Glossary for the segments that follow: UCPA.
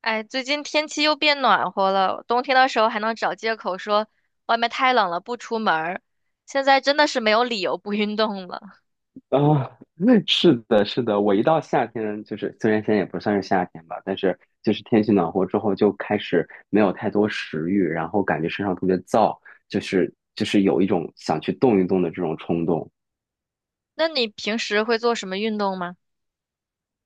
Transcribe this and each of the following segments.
哎，最近天气又变暖和了，冬天的时候还能找借口说外面太冷了不出门儿，现在真的是没有理由不运动了。啊，是的，是的，我一到夏天，就是虽然现在也不算是夏天吧，但是就是天气暖和之后，就开始没有太多食欲，然后感觉身上特别燥，就是有一种想去动一动的这种冲动。那你平时会做什么运动吗？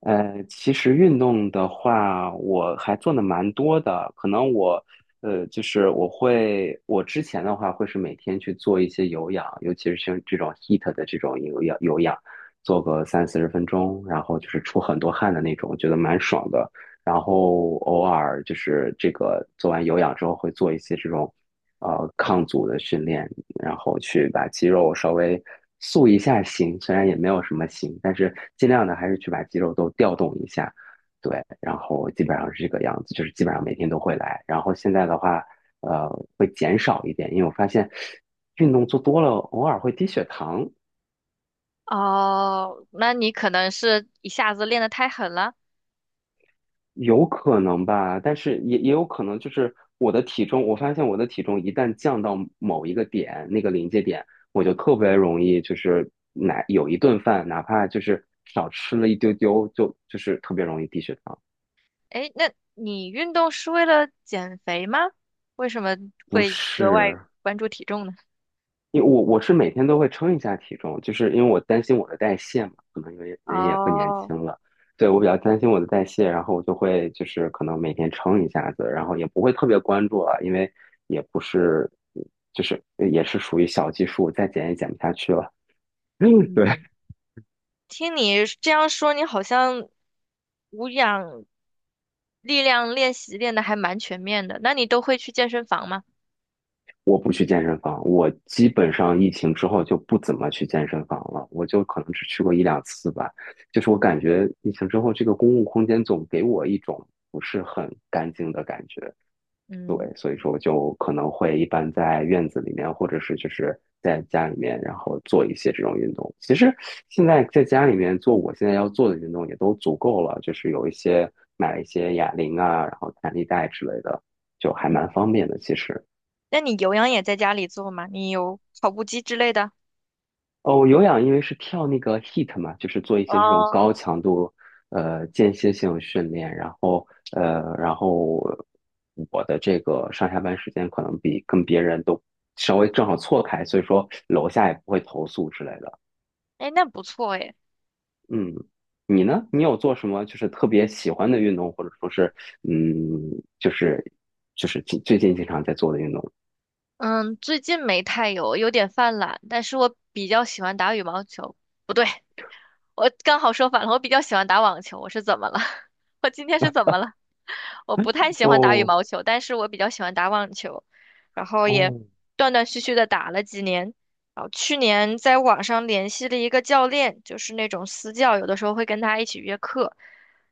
其实运动的话，我还做的蛮多的。可能我，就是我会，我之前的话会是每天去做一些有氧，尤其是像这种 h e a t 的这种有氧，做个三四十分钟，然后就是出很多汗的那种，觉得蛮爽的。然后偶尔就是这个做完有氧之后，会做一些这种，抗阻的训练。然后去把肌肉稍微塑一下形，虽然也没有什么形，但是尽量的还是去把肌肉都调动一下。对，然后基本上是这个样子，就是基本上每天都会来。然后现在的话，呃，会减少一点，因为我发现运动做多了，偶尔会低血糖。哦，那你可能是一下子练得太狠了。有可能吧，但是也有可能就是我的体重，我发现我的体重一旦降到某一个点，那个临界点，我就特别容易就是哪有一顿饭，哪怕就是少吃了一丢丢，就是特别容易低血糖。哎，那你运动是为了减肥吗？为什么不会格外是，关注体重呢？因为我是每天都会称一下体重，就是因为我担心我的代谢嘛，可能因为人也不年哦，轻了，对，我比较担心我的代谢，然后我就会就是可能每天称一下子，然后也不会特别关注了，因为也不是就是也是属于小基数，再减也减不下去了。对，嗯，听你这样说，你好像无氧。力量练习练的还蛮全面的。那你都会去健身房吗？我不去健身房，我基本上疫情之后就不怎么去健身房了，我就可能只去过一两次吧。就是我感觉疫情之后，这个公共空间总给我一种不是很干净的感觉。嗯对，所以说我就可能会一般在院子里面，或者是就是在家里面，然后做一些这种运动。其实现在在家里面做我现在要做的运动也都足够了，就是有一些买了一些哑铃啊，然后弹力带之类的，就还嗯，蛮方便的。其实，那你有氧也在家里做吗？你有跑步机之类的？哦，我有氧因为是跳那个 h e a t 嘛，就是做一些这种哦，高强度间歇性训练，然后我的这个上下班时间可能比跟别人都稍微正好错开，所以说楼下也不会投诉之类的。哎，那不错哎。嗯，你呢？你有做什么就是特别喜欢的运动，或者说是嗯，就是就是近最近经常在做的运动？嗯，最近没太有，有点犯懒，但是我比较喜欢打羽毛球。不对。我刚好说反了，我比较喜欢打网球。我是怎么了？我今天是怎么了？我不太喜欢打羽哦毛球，但是我比较喜欢打网球，然后也哦，断断续续的打了几年。然后去年在网上联系了一个教练，就是那种私教，有的时候会跟他一起约课。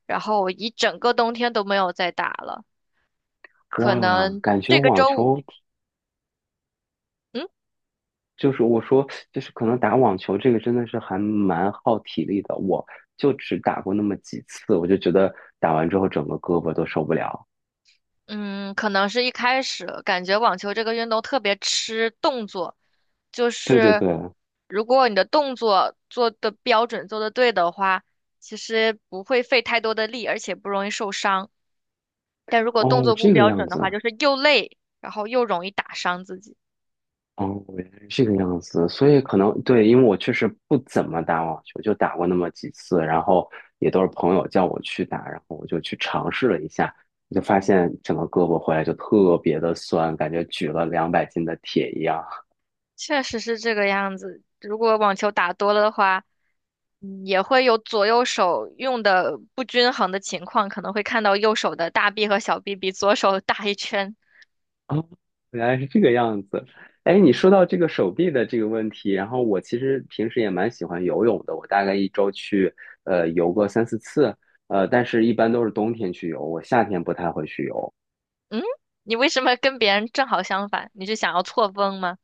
然后我一整个冬天都没有再打了，可哇，能感觉这个网周五。球。嗯。就是我说，就是可能打网球这个真的是还蛮耗体力的，我就只打过那么几次，我就觉得打完之后整个胳膊都受不了。嗯，可能是一开始感觉网球这个运动特别吃动作，就对对是对，如果你的动作做的标准、做的对的话，其实不会费太多的力，而且不容易受伤。但如果动哦，作不这个标样准的话，子，就是又累，然后又容易打伤自己。哦，原来是这个样子，所以可能对，因为我确实不怎么打网球，就打过那么几次，然后也都是朋友叫我去打，然后我就去尝试了一下，就发现整个胳膊回来就特别的酸，感觉举了200斤的铁一样。确实是这个样子。如果网球打多了的话，也会有左右手用的不均衡的情况，可能会看到右手的大臂和小臂比左手 大一圈。哦，原来是这个样子。哎，你说到这个手臂的这个问题，然后我其实平时也蛮喜欢游泳的，我大概一周去游个三四次，但是一般都是冬天去游，我夏天不太会去游。嗯，你为什么跟别人正好相反？你是想要错峰吗？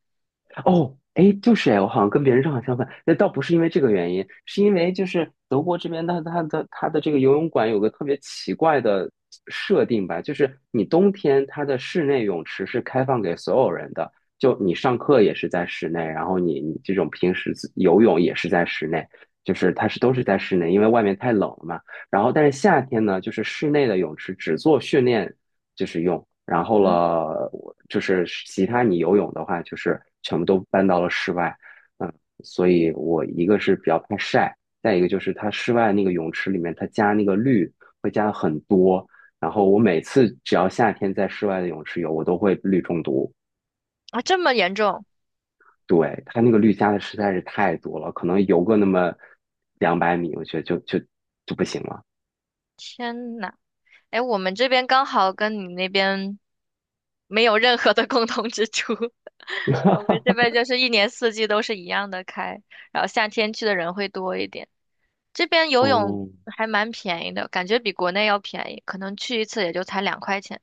哦，哎，就是哎，我好像跟别人正好相反。那倒不是因为这个原因，是因为就是德国这边它的这个游泳馆有个特别奇怪的设定吧，就是你冬天它的室内泳池是开放给所有人的，就你上课也是在室内，然后你这种平时自游泳也是在室内，就是它是都是在室内，因为外面太冷了嘛。然后但是夏天呢，就是室内的泳池只做训练。就是用。然后嗯，了，我就是其他你游泳的话，就是全部都搬到了室外。嗯，所以我一个是比较怕晒，再一个就是它室外那个泳池里面，它加那个氯会加很多。然后我每次只要夏天在室外的泳池游，我都会氯中毒。啊，这么严重。对，它那个氯加的实在是太多了，可能游个那么200米，我觉得就不行了。天呐，哎，我们这边刚好跟你那边没有任何的共同之处，我们 这边就是一年四季都是一样的开，然后夏天去的人会多一点。这边游泳哦，还蛮便宜的，感觉比国内要便宜，可能去一次也就才两块钱。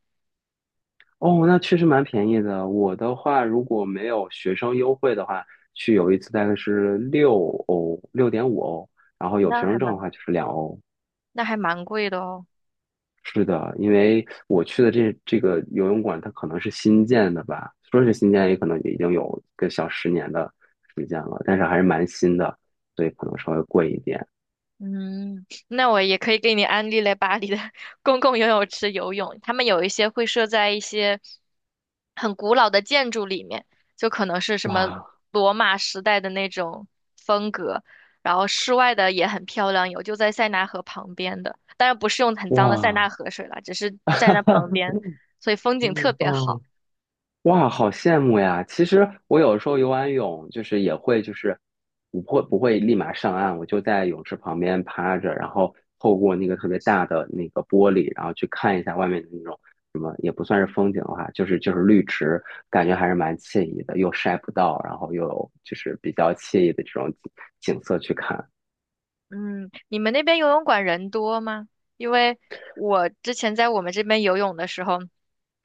哦，那确实蛮便宜的。我的话，如果没有学生优惠的话，去有一次大概是6欧，6.5欧，然后哦，有学生证的话就是2欧。那还蛮贵的哦。是的，因为我去的这个游泳馆，它可能是新建的吧，说是新建，也可能已经有个小十年的时间了，但是还是蛮新的，所以可能稍微贵一点。嗯，那我也可以给你安利来巴黎的 公共游泳池游泳，他们有一些会设在一些很古老的建筑里面，就可能是什么哇罗马时代的那种风格，然后室外的也很漂亮，有就在塞纳河旁边的，当然不是用很脏的塞纳哇，河水啦，只是在那旁边，所以风景特别好。哦，哇，好羡慕呀！其实我有时候游完泳，就是也会，就是我不会立马上岸，我就在泳池旁边趴着，然后透过那个特别大的那个玻璃，然后去看一下外面的那种什么，也不算是风景的话，就是就是绿植，感觉还是蛮惬意的，又晒不到，然后又有就是比较惬意的这种景色去看。嗯，你们那边游泳馆人多吗？因为我之前在我们这边游泳的时候，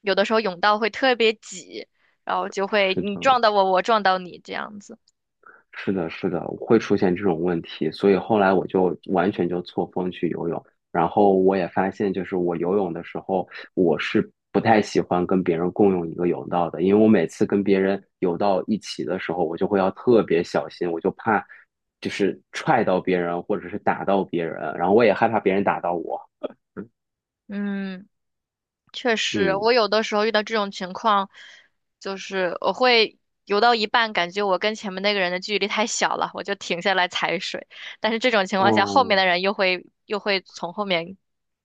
有的时候泳道会特别挤，然后就会是你的，撞到我，我撞到你这样子。是的，是的，会出现这种问题，所以后来我就完全就错峰去游泳。然后我也发现，就是我游泳的时候，我是不太喜欢跟别人共用一个泳道的，因为我每次跟别人游到一起的时候，我就会要特别小心，我就怕就是踹到别人或者是打到别人，然后我也害怕别人打到我。嗯，确实，嗯，我有的时候遇到这种情况，就是我会游到一半，感觉我跟前面那个人的距离太小了，我就停下来踩水。但是这种情况下，后面哦，的人又会从后面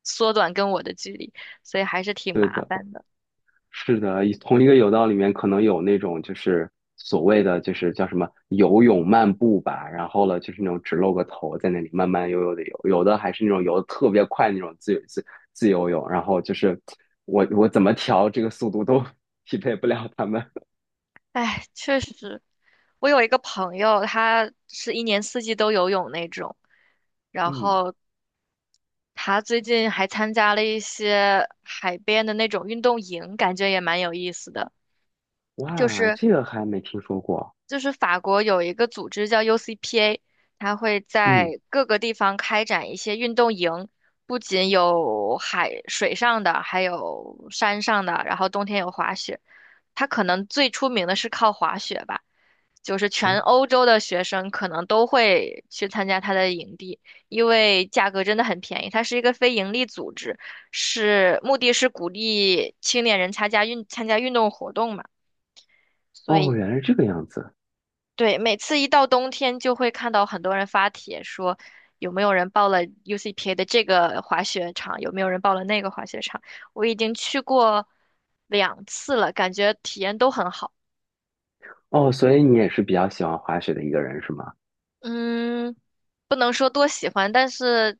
缩短跟我的距离，所以还是挺对麻的。烦的。是的，一同一个泳道里面可能有那种就是所谓的就是叫什么游泳漫步吧，然后了就是那种只露个头在那里慢慢悠悠的游，有的还是那种游的特别快那种自由泳，然后就是我怎么调这个速度都 匹配不了他们。哎，确实，我有一个朋友，他是一年四季都游泳那种，然嗯，后他最近还参加了一些海边的那种运动营，感觉也蛮有意思的。就哇，是这个还没听说过。就是法国有一个组织叫 UCPA，他会嗯，在各个地方开展一些运动营，不仅有海水上的，还有山上的，然后冬天有滑雪。他可能最出名的是靠滑雪吧，就是哦，全欧洲的学生可能都会去参加他的营地，因为价格真的很便宜。它是一个非盈利组织，是目的是鼓励青年人参加运动活动嘛，所哦以原来是这个样子。对，每次一到冬天就会看到很多人发帖说。有没有人报了 UCPA 的这个滑雪场？有没有人报了那个滑雪场？我已经去过两次了，感觉体验都很好。哦，所以你也是比较喜欢滑雪的一个人是吗？嗯，不能说多喜欢，但是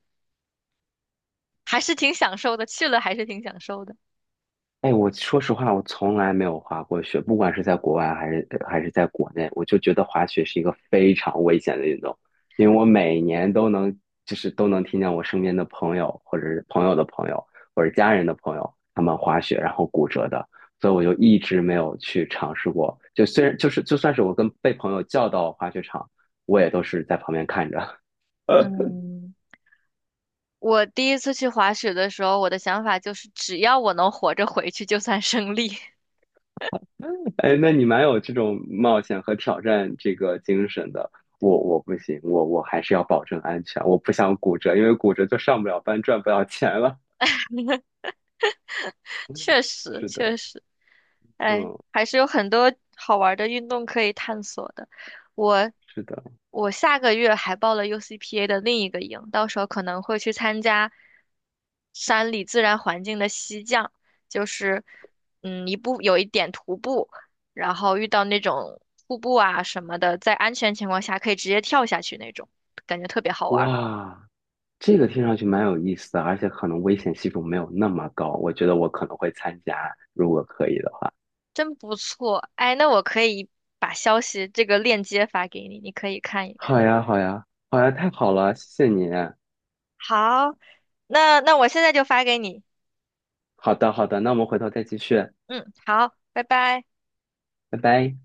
还是挺享受的，去了还是挺享受的。哎，我说实话，我从来没有滑过雪，不管是在国外还是在国内，我就觉得滑雪是一个非常危险的运动，因为我每年都能，就是都能听见我身边的朋友，或者是朋友的朋友，或者家人的朋友，他们滑雪然后骨折的，所以我就一直没有去尝试过。就虽然就是就算是我跟被朋友叫到滑雪场，我也都是在旁边看着。嗯，我第一次去滑雪的时候，我的想法就是，只要我能活着回去，就算胜利。哎，那你蛮有这种冒险和挑战这个精神的。我不行，我还是要保证安全，我不想骨折，因为骨折就上不了班，赚不了钱了。确实是的，确实，哎，嗯，还是有很多好玩儿的运动可以探索的。我是的，我下个月还报了 UCPA 的另一个营，到时候可能会去参加山里自然环境的溪降，就是嗯一步有一点徒步，然后遇到那种瀑布啊什么的，在安全情况下可以直接跳下去那种，感觉特别好玩儿，哇，这个听上去蛮有意思的，而且可能危险系数没有那么高，我觉得我可能会参加，如果可以的话。真不错。哎，那我可以把消息这个链接发给你，你可以看一好看。呀，好呀，好呀，太好了，谢谢你。好，那我现在就发给你。好的，好的，那我们回头再继续，嗯，好，拜拜。拜拜。